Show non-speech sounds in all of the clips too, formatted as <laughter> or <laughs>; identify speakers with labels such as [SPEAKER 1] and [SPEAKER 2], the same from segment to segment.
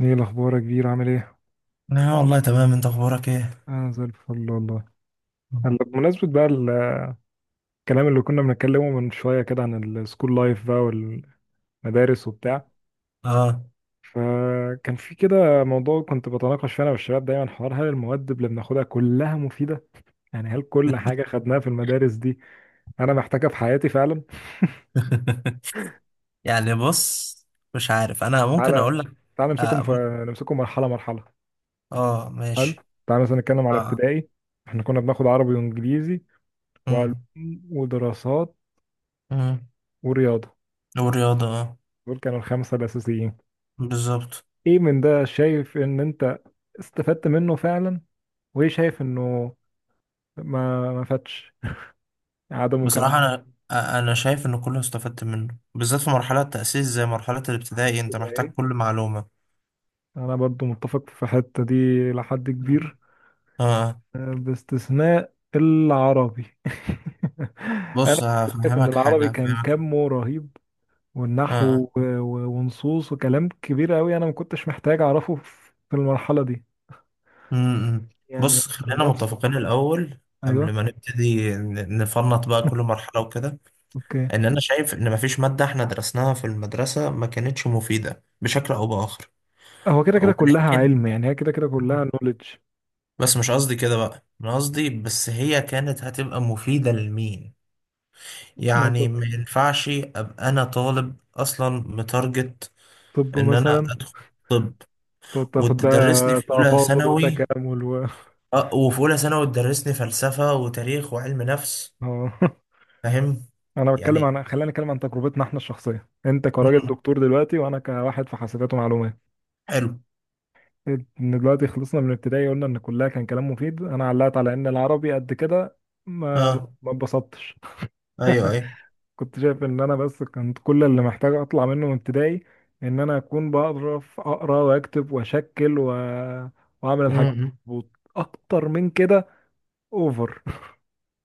[SPEAKER 1] ايه الاخبار يا كبير؟ عامل ايه؟
[SPEAKER 2] لا والله تمام، انت اخبارك ايه؟
[SPEAKER 1] انا زي الفل والله. هلا، بمناسبه بقى الكلام اللي كنا بنتكلمه من شويه كده عن السكول لايف بقى والمدارس وبتاع.
[SPEAKER 2] اه.
[SPEAKER 1] فكان في كده موضوع كنت بتناقش فيه انا والشباب دايما، حوار هل المواد اللي بناخدها كلها مفيده؟ يعني هل كل حاجه خدناها في المدارس دي انا محتاجها في حياتي فعلا؟
[SPEAKER 2] <laughs> يعني بص، مش عارف، انا ممكن اقول
[SPEAKER 1] تعالى.
[SPEAKER 2] لك.
[SPEAKER 1] تعالى
[SPEAKER 2] اه, م-
[SPEAKER 1] نمسكهم مرحله مرحله.
[SPEAKER 2] آه
[SPEAKER 1] حلو.
[SPEAKER 2] ماشي.
[SPEAKER 1] تعالى مثلا نتكلم على
[SPEAKER 2] اه.
[SPEAKER 1] ابتدائي. احنا كنا بناخد عربي وانجليزي وعلوم
[SPEAKER 2] امم.
[SPEAKER 1] ودراسات
[SPEAKER 2] امم.
[SPEAKER 1] ورياضه.
[SPEAKER 2] والرياضه اه.
[SPEAKER 1] دول كانوا الخمسه الاساسيين.
[SPEAKER 2] بالظبط.
[SPEAKER 1] ايه من ده شايف ان انت استفدت منه فعلا؟ وايه شايف انه ما فاتش عدمه كان
[SPEAKER 2] بصراحه انا انا شايف ان كله استفدت منه، بالذات في مرحله التاسيس، زي مرحله الابتدائي
[SPEAKER 1] أحسن؟
[SPEAKER 2] انت
[SPEAKER 1] ده
[SPEAKER 2] محتاج كل
[SPEAKER 1] ايه؟
[SPEAKER 2] معلومه.
[SPEAKER 1] انا برضو متفق في الحتة دي لحد
[SPEAKER 2] مم.
[SPEAKER 1] كبير،
[SPEAKER 2] اه
[SPEAKER 1] باستثناء العربي. <laughs> انا
[SPEAKER 2] بص
[SPEAKER 1] كنت شايف ان
[SPEAKER 2] هفهمك
[SPEAKER 1] العربي
[SPEAKER 2] حاجه
[SPEAKER 1] كان
[SPEAKER 2] هفهمك.
[SPEAKER 1] كمه رهيب، والنحو
[SPEAKER 2] اه.
[SPEAKER 1] ونصوص وكلام كبير قوي، انا ما كنتش محتاج اعرفه في المرحلة دي،
[SPEAKER 2] امم.
[SPEAKER 1] يعني.
[SPEAKER 2] بص خلينا
[SPEAKER 1] على نفس.
[SPEAKER 2] متفقين الاول، قبل
[SPEAKER 1] ايوه.
[SPEAKER 2] ما نبتدي نفنط بقى كل مرحله وكده،
[SPEAKER 1] اوكي.
[SPEAKER 2] ان انا شايف ان مفيش مادة احنا درسناها في المدرسة ما كانتش مفيدة بشكل او باخر.
[SPEAKER 1] هو كده كده كلها
[SPEAKER 2] ولكن،
[SPEAKER 1] علم، يعني هي كده كده كلها نوليدج.
[SPEAKER 2] بس مش قصدي كده بقى، انا قصدي بس هي كانت هتبقى مفيدة لمين. يعني
[SPEAKER 1] منطقي.
[SPEAKER 2] ما ينفعش ابقى انا طالب اصلا متارجت
[SPEAKER 1] طب
[SPEAKER 2] ان انا
[SPEAKER 1] مثلا
[SPEAKER 2] ادخل طب
[SPEAKER 1] تقعد تاخد
[SPEAKER 2] وتدرسني
[SPEAKER 1] بقى
[SPEAKER 2] في اولى
[SPEAKER 1] تفاضل
[SPEAKER 2] ثانوي،
[SPEAKER 1] وتكامل و
[SPEAKER 2] اه، وفي اولى ثانوي تدرسني فلسفة وتاريخ وعلم نفس،
[SPEAKER 1] اه <laughs>
[SPEAKER 2] فاهم؟
[SPEAKER 1] انا بتكلم
[SPEAKER 2] يعني
[SPEAKER 1] عن خلينا نتكلم عن تجربتنا احنا الشخصيه، انت كراجل
[SPEAKER 2] <laughs>
[SPEAKER 1] دكتور دلوقتي وانا كواحد في حاسبات ومعلومات.
[SPEAKER 2] حلو.
[SPEAKER 1] ان دلوقتي خلصنا من ابتدائي، قلنا ان كلها كان كلام مفيد، انا علقت على ان العربي قد كده ما
[SPEAKER 2] اه.
[SPEAKER 1] ما اتبسطتش. <laughs>
[SPEAKER 2] ايوه
[SPEAKER 1] كنت شايف ان انا بس كنت كل اللي محتاج اطلع منه من ابتدائي، ان انا اكون بعرف اقرا واكتب واشكل واعمل الحاجات.
[SPEAKER 2] ايوه.
[SPEAKER 1] مظبوط. اكتر من كده اوفر،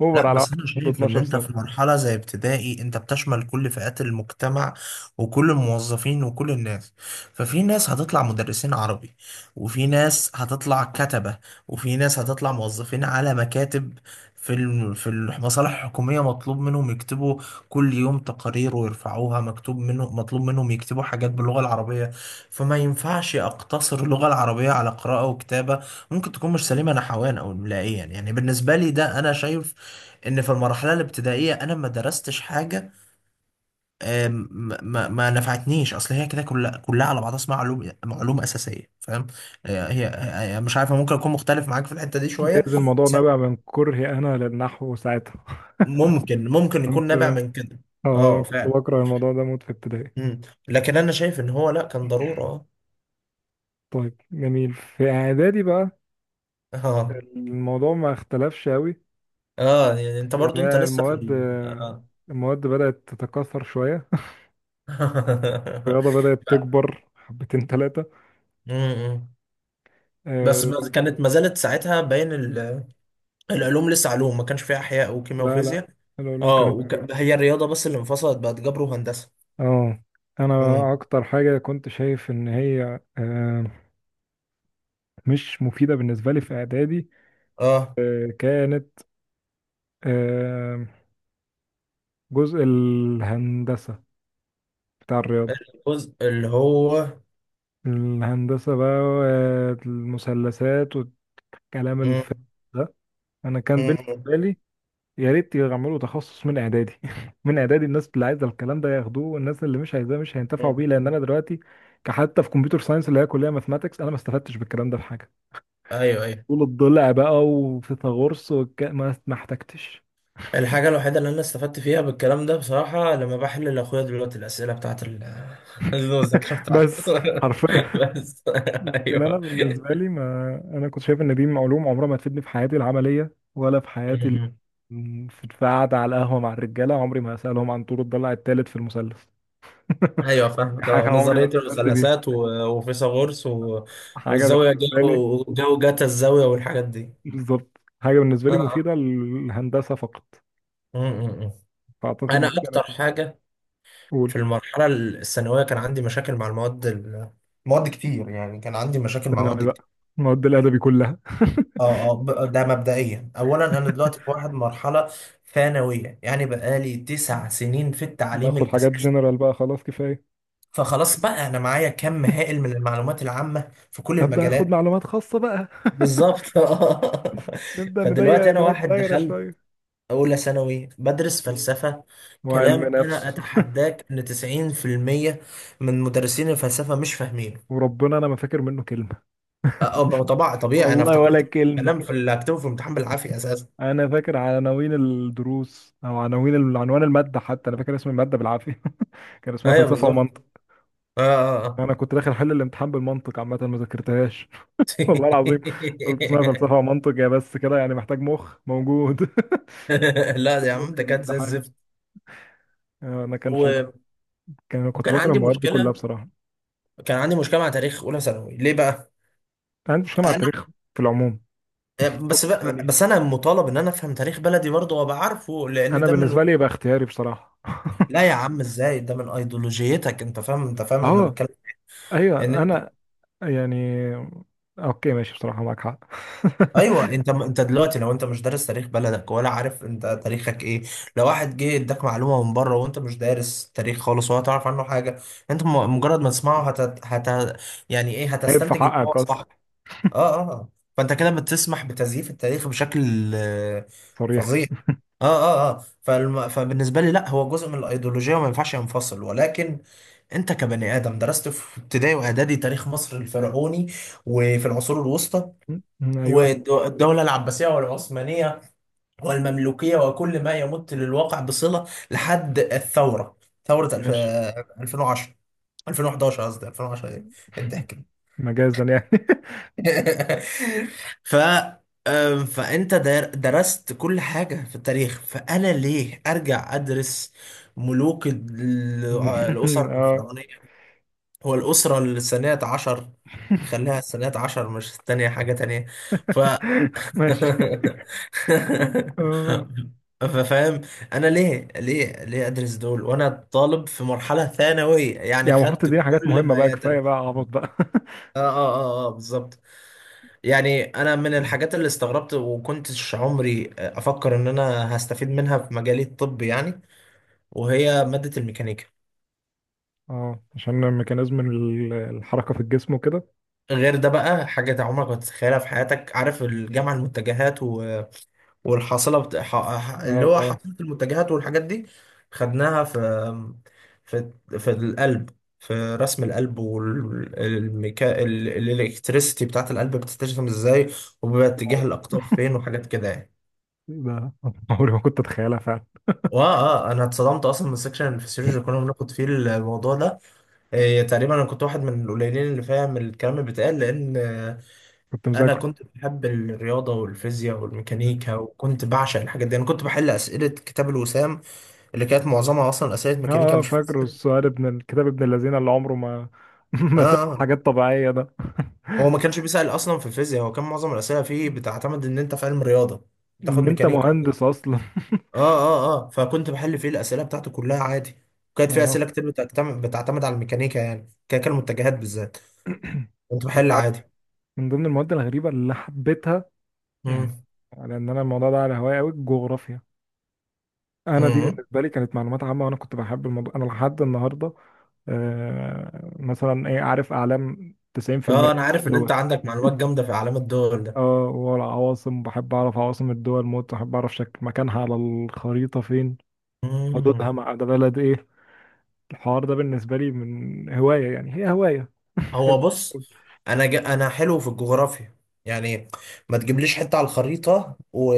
[SPEAKER 1] اوفر
[SPEAKER 2] لا
[SPEAKER 1] على
[SPEAKER 2] بس
[SPEAKER 1] واحد
[SPEAKER 2] انا
[SPEAKER 1] عنده
[SPEAKER 2] شايف ان
[SPEAKER 1] 12
[SPEAKER 2] انت
[SPEAKER 1] سنه.
[SPEAKER 2] في مرحلة زي ابتدائي انت بتشمل كل فئات المجتمع، وكل الموظفين وكل الناس. ففي ناس هتطلع مدرسين عربي، وفي ناس هتطلع كتبة، وفي ناس هتطلع موظفين على مكاتب في في المصالح الحكومية مطلوب منهم يكتبوا كل يوم تقارير ويرفعوها، مكتوب منهم، مطلوب منهم يكتبوا حاجات باللغة العربية. فما ينفعش أقتصر اللغة العربية على قراءة وكتابة، ممكن تكون مش سليمة نحويا أو إملائيا. يعني يعني بالنسبة لي ده، أنا شايف ان في المرحله الابتدائيه انا ما درستش حاجه آم، ما, ما ما نفعتنيش، اصل هي كده كلها كلها على بعضها اسمها علوم، معلومه اساسيه، فاهم؟ هي مش عارفه، ممكن اكون مختلف معاك في الحته دي شويه
[SPEAKER 1] جايز الموضوع
[SPEAKER 2] بس.
[SPEAKER 1] نابع من كرهي انا للنحو ساعتها.
[SPEAKER 2] ممكن
[SPEAKER 1] <laughs>
[SPEAKER 2] يكون
[SPEAKER 1] كنت
[SPEAKER 2] نابع من كده.
[SPEAKER 1] اه
[SPEAKER 2] اه
[SPEAKER 1] كنت
[SPEAKER 2] فعلا.
[SPEAKER 1] بكره الموضوع ده موت في ابتدائي.
[SPEAKER 2] مم. لكن انا شايف ان هو لا، كان ضروره.
[SPEAKER 1] طيب جميل. في اعدادي بقى
[SPEAKER 2] اه
[SPEAKER 1] الموضوع ما اختلفش قوي،
[SPEAKER 2] اه، اه يعني انت برضو
[SPEAKER 1] يعني.
[SPEAKER 2] انت لسه في
[SPEAKER 1] المواد
[SPEAKER 2] اه
[SPEAKER 1] المواد بدات تتكاثر شويه.
[SPEAKER 2] <laughs>
[SPEAKER 1] الرياضه بدات
[SPEAKER 2] ف-
[SPEAKER 1] تكبر حبتين ثلاثه،
[SPEAKER 2] مم. بس ما
[SPEAKER 1] بس.
[SPEAKER 2] كانت، ما زالت ساعتها باين العلوم لسه علوم، ما كانش فيها احياء وكيمياء
[SPEAKER 1] لا لا،
[SPEAKER 2] وفيزياء.
[SPEAKER 1] العلوم
[SPEAKER 2] اه
[SPEAKER 1] كانت علوم.
[SPEAKER 2] هي الرياضة بس اللي انفصلت بقت جبر وهندسة.
[SPEAKER 1] اه. انا
[SPEAKER 2] امم.
[SPEAKER 1] اكتر حاجه كنت شايف ان هي مش مفيده بالنسبه لي في اعدادي،
[SPEAKER 2] اه
[SPEAKER 1] كانت آه، جزء الهندسة بتاع الرياضة.
[SPEAKER 2] الجزء اللي هو.
[SPEAKER 1] الهندسة بقى، المثلثات والكلام الفارغ
[SPEAKER 2] امم.
[SPEAKER 1] ده. أنا كان بالنسبة
[SPEAKER 2] امم.
[SPEAKER 1] لي يا ريت يعملوا تخصص من إعدادي. <laughs> من إعدادي، الناس اللي عايزة الكلام ده ياخدوه، والناس اللي مش عايزاه مش هينتفعوا
[SPEAKER 2] امم.
[SPEAKER 1] بيه، لأن أنا دلوقتي كحتى في كمبيوتر ساينس اللي هي كلية ماثماتكس أنا ما استفدتش بالكلام ده في حاجة.
[SPEAKER 2] ايوه ايوه.
[SPEAKER 1] طول الضلع بقى وفيثاغورس ما احتجتش.
[SPEAKER 2] الحاجة الوحيدة اللي انا استفدت فيها بالكلام ده، بصراحة، لما بحل لاخويا دلوقتي الأسئلة بتاعت <laughs> المذاكرة
[SPEAKER 1] <laughs>
[SPEAKER 2] بتاعته.
[SPEAKER 1] بس حرفيا.
[SPEAKER 2] <laughs> بس <laughs>
[SPEAKER 1] لكن انا
[SPEAKER 2] ايوه.
[SPEAKER 1] بالنسبه لي، ما انا كنت شايف ان دي علوم عمرها ما تفيدني في حياتي العمليه ولا في حياتي
[SPEAKER 2] مم.
[SPEAKER 1] في قعده على القهوه مع الرجاله عمري ما هسالهم عن طور الضلع الثالث في المثلث. <laughs>
[SPEAKER 2] ايوه فاهمك،
[SPEAKER 1] حاجه
[SPEAKER 2] اه،
[SPEAKER 1] عمري
[SPEAKER 2] نظرية
[SPEAKER 1] ما استفدت بيها.
[SPEAKER 2] المثلثات وفيثاغورس
[SPEAKER 1] حاجه
[SPEAKER 2] والزاوية،
[SPEAKER 1] بالنسبه لي.
[SPEAKER 2] جو جو جاتا الزاوية والحاجات دي.
[SPEAKER 1] بالظبط. حاجه بالنسبه لي
[SPEAKER 2] اه.
[SPEAKER 1] مفيده للهندسه فقط.
[SPEAKER 2] مم. مم. مم.
[SPEAKER 1] فاعتقد
[SPEAKER 2] انا
[SPEAKER 1] دي
[SPEAKER 2] اكتر
[SPEAKER 1] كانت
[SPEAKER 2] حاجة
[SPEAKER 1] اول.
[SPEAKER 2] في المرحلة الثانوية كان عندي مشاكل مع المواد مواد كتير، يعني كان عندي مشاكل مع
[SPEAKER 1] ثانوي
[SPEAKER 2] مواد كتير.
[SPEAKER 1] بقى، المواد الادبي كلها. <laughs>
[SPEAKER 2] اه اه ده مبدئيا، اولا انا دلوقتي في واحد مرحلة ثانوية، يعني بقالي تسع سنين في التعليم
[SPEAKER 1] باخد حاجات
[SPEAKER 2] الاساسي،
[SPEAKER 1] جنرال بقى، خلاص كفايه.
[SPEAKER 2] فخلاص بقى انا معايا كم هائل
[SPEAKER 1] <laughs>
[SPEAKER 2] من المعلومات العامة في كل
[SPEAKER 1] ابدا اخد
[SPEAKER 2] المجالات.
[SPEAKER 1] معلومات خاصه بقى. <laughs>
[SPEAKER 2] بالظبط. <laughs> آه.
[SPEAKER 1] نبدا نضيق
[SPEAKER 2] فدلوقتي انا
[SPEAKER 1] الوقت،
[SPEAKER 2] واحد
[SPEAKER 1] دايره
[SPEAKER 2] دخلت
[SPEAKER 1] شويه.
[SPEAKER 2] اولى ثانوي بدرس فلسفة،
[SPEAKER 1] وعلم
[SPEAKER 2] كلام
[SPEAKER 1] نفس.
[SPEAKER 2] انا اتحداك ان 90% من مدرسين الفلسفة مش
[SPEAKER 1] <laughs>
[SPEAKER 2] فاهمين.
[SPEAKER 1] وربنا انا ما فاكر منه كلمة.
[SPEAKER 2] اه، ما هو طبعا طبيعي، انا
[SPEAKER 1] والله ولا
[SPEAKER 2] افتكرت
[SPEAKER 1] كلمة.
[SPEAKER 2] كلام في اللي هكتبه في امتحان بالعافيه اساسا.
[SPEAKER 1] انا فاكر عناوين الدروس او عناوين عنوان المادة، حتى انا فاكر اسم المادة بالعافية. <laughs> كان اسمها
[SPEAKER 2] ايوه
[SPEAKER 1] فلسفة
[SPEAKER 2] بالظبط.
[SPEAKER 1] ومنطق.
[SPEAKER 2] اه اه آه.
[SPEAKER 1] انا كنت داخل احل الامتحان بالمنطق، عامة ما ذاكرتهاش. <laughs> والله العظيم. قلت اسمها فلسفة ومنطق، يا بس كده يعني محتاج مخ موجود. <laughs>
[SPEAKER 2] <laughs> لا يا عم
[SPEAKER 1] مخ
[SPEAKER 2] ده كانت زي
[SPEAKER 1] الامتحان.
[SPEAKER 2] الزفت.
[SPEAKER 1] آه، انا كانش بال-
[SPEAKER 2] و...
[SPEAKER 1] كنت
[SPEAKER 2] وكان
[SPEAKER 1] بكره
[SPEAKER 2] عندي
[SPEAKER 1] المواد دي كلها
[SPEAKER 2] مشكله،
[SPEAKER 1] بصراحة.
[SPEAKER 2] مع تاريخ اولى ثانوي، ليه بقى؟
[SPEAKER 1] أنا عندي مشكلة مع
[SPEAKER 2] انا
[SPEAKER 1] التاريخ في العموم.
[SPEAKER 2] بس بقى،
[SPEAKER 1] تاني.
[SPEAKER 2] بس انا مطالب ان انا افهم تاريخ بلدي برضه وابقى عارفه، لان
[SPEAKER 1] انا
[SPEAKER 2] ده من.
[SPEAKER 1] بالنسبة لي يبقى اختياري بصراحة. <laughs>
[SPEAKER 2] لا يا عم، ازاي؟ ده من ايديولوجيتك، انت فاهم، انت فاهم انا
[SPEAKER 1] اه.
[SPEAKER 2] بتكلم ان.
[SPEAKER 1] ايوه. انا، يعني، اوكي ماشي بصراحة، معاك حق. <laughs>
[SPEAKER 2] ايوه. انت انت دلوقتي لو انت مش دارس تاريخ بلدك ولا عارف انت تاريخك ايه، لو واحد جه اداك معلومه من بره وانت مش دارس تاريخ خالص ولا تعرف عنه حاجه، انت مجرد ما تسمعه هت... يعني ايه،
[SPEAKER 1] عيب في
[SPEAKER 2] هتستنتج ان هو
[SPEAKER 1] حقك اصلا.
[SPEAKER 2] صح. اه اه اه. فانت كده بتسمح بتزييف التاريخ بشكل
[SPEAKER 1] صريح.
[SPEAKER 2] فظيع. اه اه اه فبالنسبه لي، لا، هو جزء من الايديولوجيه وما ينفعش ينفصل. ولكن انت كبني ادم درست في ابتدائي واعدادي تاريخ مصر الفرعوني، وفي العصور الوسطى،
[SPEAKER 1] ايوه.
[SPEAKER 2] والدولة العباسية والعثمانية والمملوكية، وكل ما يمت للواقع بصلة لحد الثورة، ثورة
[SPEAKER 1] ماشي،
[SPEAKER 2] 2010، 2011، قصدي 2010، ايه الضحك. <laughs>
[SPEAKER 1] مجازا يعني.
[SPEAKER 2] ده. ف فانت درست كل حاجة في التاريخ، فانا ليه ارجع ادرس ملوك
[SPEAKER 1] <laughs>
[SPEAKER 2] الاسر
[SPEAKER 1] اه.
[SPEAKER 2] الفرعونية؟ هو الاسرة الثانية عشر، خليها الثانية عشر مش الثانية، حاجة تانية. ف
[SPEAKER 1] <laughs> ماشي. اه.
[SPEAKER 2] فاهم، انا ليه ادرس دول وانا طالب في مرحله ثانويه يعني،
[SPEAKER 1] يعني المفروض
[SPEAKER 2] خدت
[SPEAKER 1] تديني حاجات
[SPEAKER 2] كل
[SPEAKER 1] مهمة
[SPEAKER 2] ما
[SPEAKER 1] بقى،
[SPEAKER 2] يتم.
[SPEAKER 1] كفاية بقى عبط بقى.
[SPEAKER 2] اه اه اه اه بالظبط. يعني انا من الحاجات اللي
[SPEAKER 1] <laughs>
[SPEAKER 2] استغربت وكنتش عمري افكر ان انا هستفيد منها في مجالي الطب يعني، وهي ماده الميكانيكا.
[SPEAKER 1] اه، عشان ميكانيزم الحركة في الجسم وكده.
[SPEAKER 2] غير ده بقى، حاجه عمرك ما تتخيلها في حياتك، عارف الجامعه المتجهات والحاصله اللي
[SPEAKER 1] اه.
[SPEAKER 2] هو
[SPEAKER 1] اه.
[SPEAKER 2] حاصله المنتجات والحاجات دي، خدناها في في في القلب، في رسم القلب، والميكا الالكتريسيتي بتاعت القلب بتترسم ازاي، وبيبقى اتجاه
[SPEAKER 1] واو.
[SPEAKER 2] الاقطاب فين، وحاجات كده يعني.
[SPEAKER 1] ده عمري ما كنت اتخيلها فعلا.
[SPEAKER 2] واه اه، انا اتصدمت اصلا من السكشن الفسيولوجي كنا بناخد فيه الموضوع ده. إيه تقريبا انا كنت واحد من القليلين اللي فاهم الكلام اللي بيتقال، لان
[SPEAKER 1] كنت
[SPEAKER 2] انا
[SPEAKER 1] مذاكره.
[SPEAKER 2] كنت بحب الرياضه والفيزياء
[SPEAKER 1] مم.
[SPEAKER 2] والميكانيكا، وكنت بعشق الحاجات دي، انا كنت بحل اسئله كتاب الوسام، اللي كانت معظمها اصلا اسئله
[SPEAKER 1] اه.
[SPEAKER 2] ميكانيكا مش
[SPEAKER 1] فاكره
[SPEAKER 2] فيزياء.
[SPEAKER 1] السؤال ابن الكتاب ابن الذين اللي عمره ما <laughs>
[SPEAKER 2] اه
[SPEAKER 1] ما ساب
[SPEAKER 2] آه.
[SPEAKER 1] حاجات طبيعية ده.
[SPEAKER 2] هو ما كانش بيسال اصلا في الفيزياء، هو كان معظم الاسئله فيه بتعتمد ان انت في علم رياضه تاخد
[SPEAKER 1] ان انت
[SPEAKER 2] ميكانيكا وكده.
[SPEAKER 1] مهندس اصلا.
[SPEAKER 2] اه اه اه. فكنت بحل فيه الاسئله بتاعته كلها عادي،
[SPEAKER 1] <laughs>
[SPEAKER 2] وكانت فيه
[SPEAKER 1] اه.
[SPEAKER 2] اسئله كتير بتعتمد على الميكانيكا، يعني كان المتجهات بالذات،
[SPEAKER 1] <clears throat>
[SPEAKER 2] كنت
[SPEAKER 1] انت
[SPEAKER 2] بحل
[SPEAKER 1] عارف،
[SPEAKER 2] عادي.
[SPEAKER 1] من ضمن المواد الغريبه اللي حبيتها، يعني
[SPEAKER 2] امم.
[SPEAKER 1] لان انا الموضوع ده على هواية قوي، الجغرافيا. انا دي
[SPEAKER 2] امم.
[SPEAKER 1] بالنسبه لي كانت معلومات عامه، وانا كنت بحب الموضوع انا لحد النهارده. مثلا ايه، عارف اعلام، 90%
[SPEAKER 2] اه انا عارف ان انت
[SPEAKER 1] دول.
[SPEAKER 2] عندك معلومات جامده في اعلام الدول.
[SPEAKER 1] اه. والعواصم بحب اعرف عواصم الدول موت، بحب اعرف شكل مكانها على الخريطه فين،
[SPEAKER 2] ده
[SPEAKER 1] حدودها مع ده بلد ايه. الحوار ده بالنسبه لي من هوايه، يعني هي هوايه.
[SPEAKER 2] هو بص، انا انا حلو في الجغرافيا يعني، ما تجيبليش حته على الخريطه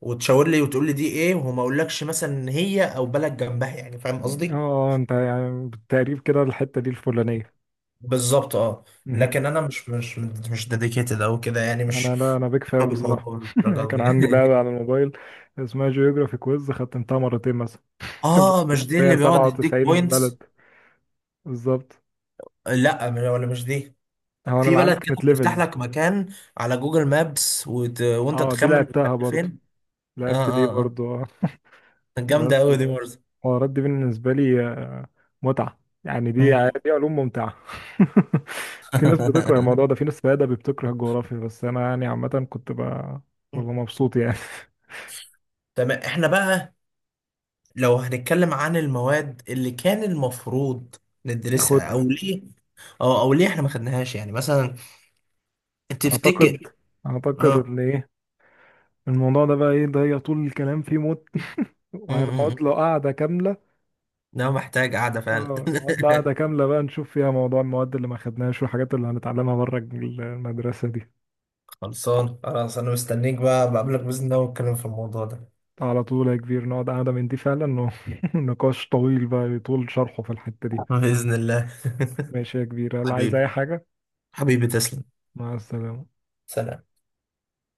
[SPEAKER 2] وتشاور لي وتقول لي دي ايه، وما اقولكش مثلا إن هي او بلد جنبها، يعني فاهم قصدي.
[SPEAKER 1] اه انت يعني بالتقريب كده الحتة دي الفلانية.
[SPEAKER 2] بالظبط اه. لكن انا
[SPEAKER 1] <laughs>
[SPEAKER 2] مش مش ديديكيتد او كده يعني،
[SPEAKER 1] انا،
[SPEAKER 2] مش
[SPEAKER 1] لا، انا بيك فان
[SPEAKER 2] بفهم
[SPEAKER 1] بصراحة.
[SPEAKER 2] بالموضوع
[SPEAKER 1] <laughs>
[SPEAKER 2] للدرجه
[SPEAKER 1] كان عندي
[SPEAKER 2] دي.
[SPEAKER 1] لعبة
[SPEAKER 2] <laughs>
[SPEAKER 1] على الموبايل اسمها جيوغرافي كويز، ختمتها مرتين مثلا.
[SPEAKER 2] اه، مش
[SPEAKER 1] <laughs>
[SPEAKER 2] دي
[SPEAKER 1] هي
[SPEAKER 2] اللي بيقعد يديك
[SPEAKER 1] 97
[SPEAKER 2] بوينتس؟
[SPEAKER 1] بلد. بالظبط.
[SPEAKER 2] لا ولا مش دي،
[SPEAKER 1] هو انا
[SPEAKER 2] في
[SPEAKER 1] اللي عندي
[SPEAKER 2] بلد كده
[SPEAKER 1] كانت
[SPEAKER 2] بتفتح
[SPEAKER 1] ليفلز.
[SPEAKER 2] لك مكان على جوجل مابس وانت
[SPEAKER 1] اه دي
[SPEAKER 2] تخمن المكان
[SPEAKER 1] لعبتها
[SPEAKER 2] ده
[SPEAKER 1] برضو.
[SPEAKER 2] فين. اه
[SPEAKER 1] لعبت دي
[SPEAKER 2] اه اه،
[SPEAKER 1] برضو. اه.
[SPEAKER 2] جامده
[SPEAKER 1] بس
[SPEAKER 2] قوي دي برضه.
[SPEAKER 1] الحوارات دي بالنسبة لي متعة يعني، دي علوم ممتعة. <laughs> في ناس بتكره الموضوع ده،
[SPEAKER 2] <laughs>
[SPEAKER 1] في ناس في أدبي بتكره الجغرافيا، بس أنا يعني عامة كنت
[SPEAKER 2] مم.
[SPEAKER 1] ببقى مبسوط يعني. <laughs>
[SPEAKER 2] تمام، احنا بقى لو هنتكلم عن المواد اللي كان المفروض ندرسها، او
[SPEAKER 1] اخدها.
[SPEAKER 2] ليه، او او ليه احنا ما خدناهاش، يعني مثلا،
[SPEAKER 1] اعتقد
[SPEAKER 2] تفتكر؟
[SPEAKER 1] اعتقد
[SPEAKER 2] اه.
[SPEAKER 1] ان ايه الموضوع ده بقى. ايه ده، هي طول الكلام فيه موت،
[SPEAKER 2] مم، مم،
[SPEAKER 1] وهنقعد له
[SPEAKER 2] مم.
[SPEAKER 1] قعدة كاملة.
[SPEAKER 2] ده محتاج قعدة فعلا.
[SPEAKER 1] اه، نقعد له قعدة
[SPEAKER 2] <laughs>
[SPEAKER 1] كاملة بقى، نشوف فيها موضوع المواد اللي ما خدناهاش والحاجات اللي هنتعلمها بره المدرسة دي.
[SPEAKER 2] خلصان خلاص، انا مستنيك بقى، بقابلك باذن الله ونتكلم في الموضوع ده.
[SPEAKER 1] على طول يا كبير، نقعد قعدة من دي فعلا. <laughs> نقاش طويل بقى يطول شرحه في الحتة دي.
[SPEAKER 2] بإذن الله.
[SPEAKER 1] ماشي يا كبير،
[SPEAKER 2] <laughs>
[SPEAKER 1] هل عايز
[SPEAKER 2] حبيبي،
[SPEAKER 1] اي حاجة؟
[SPEAKER 2] حبيبي تسلم.
[SPEAKER 1] مع السلامة.
[SPEAKER 2] سلام.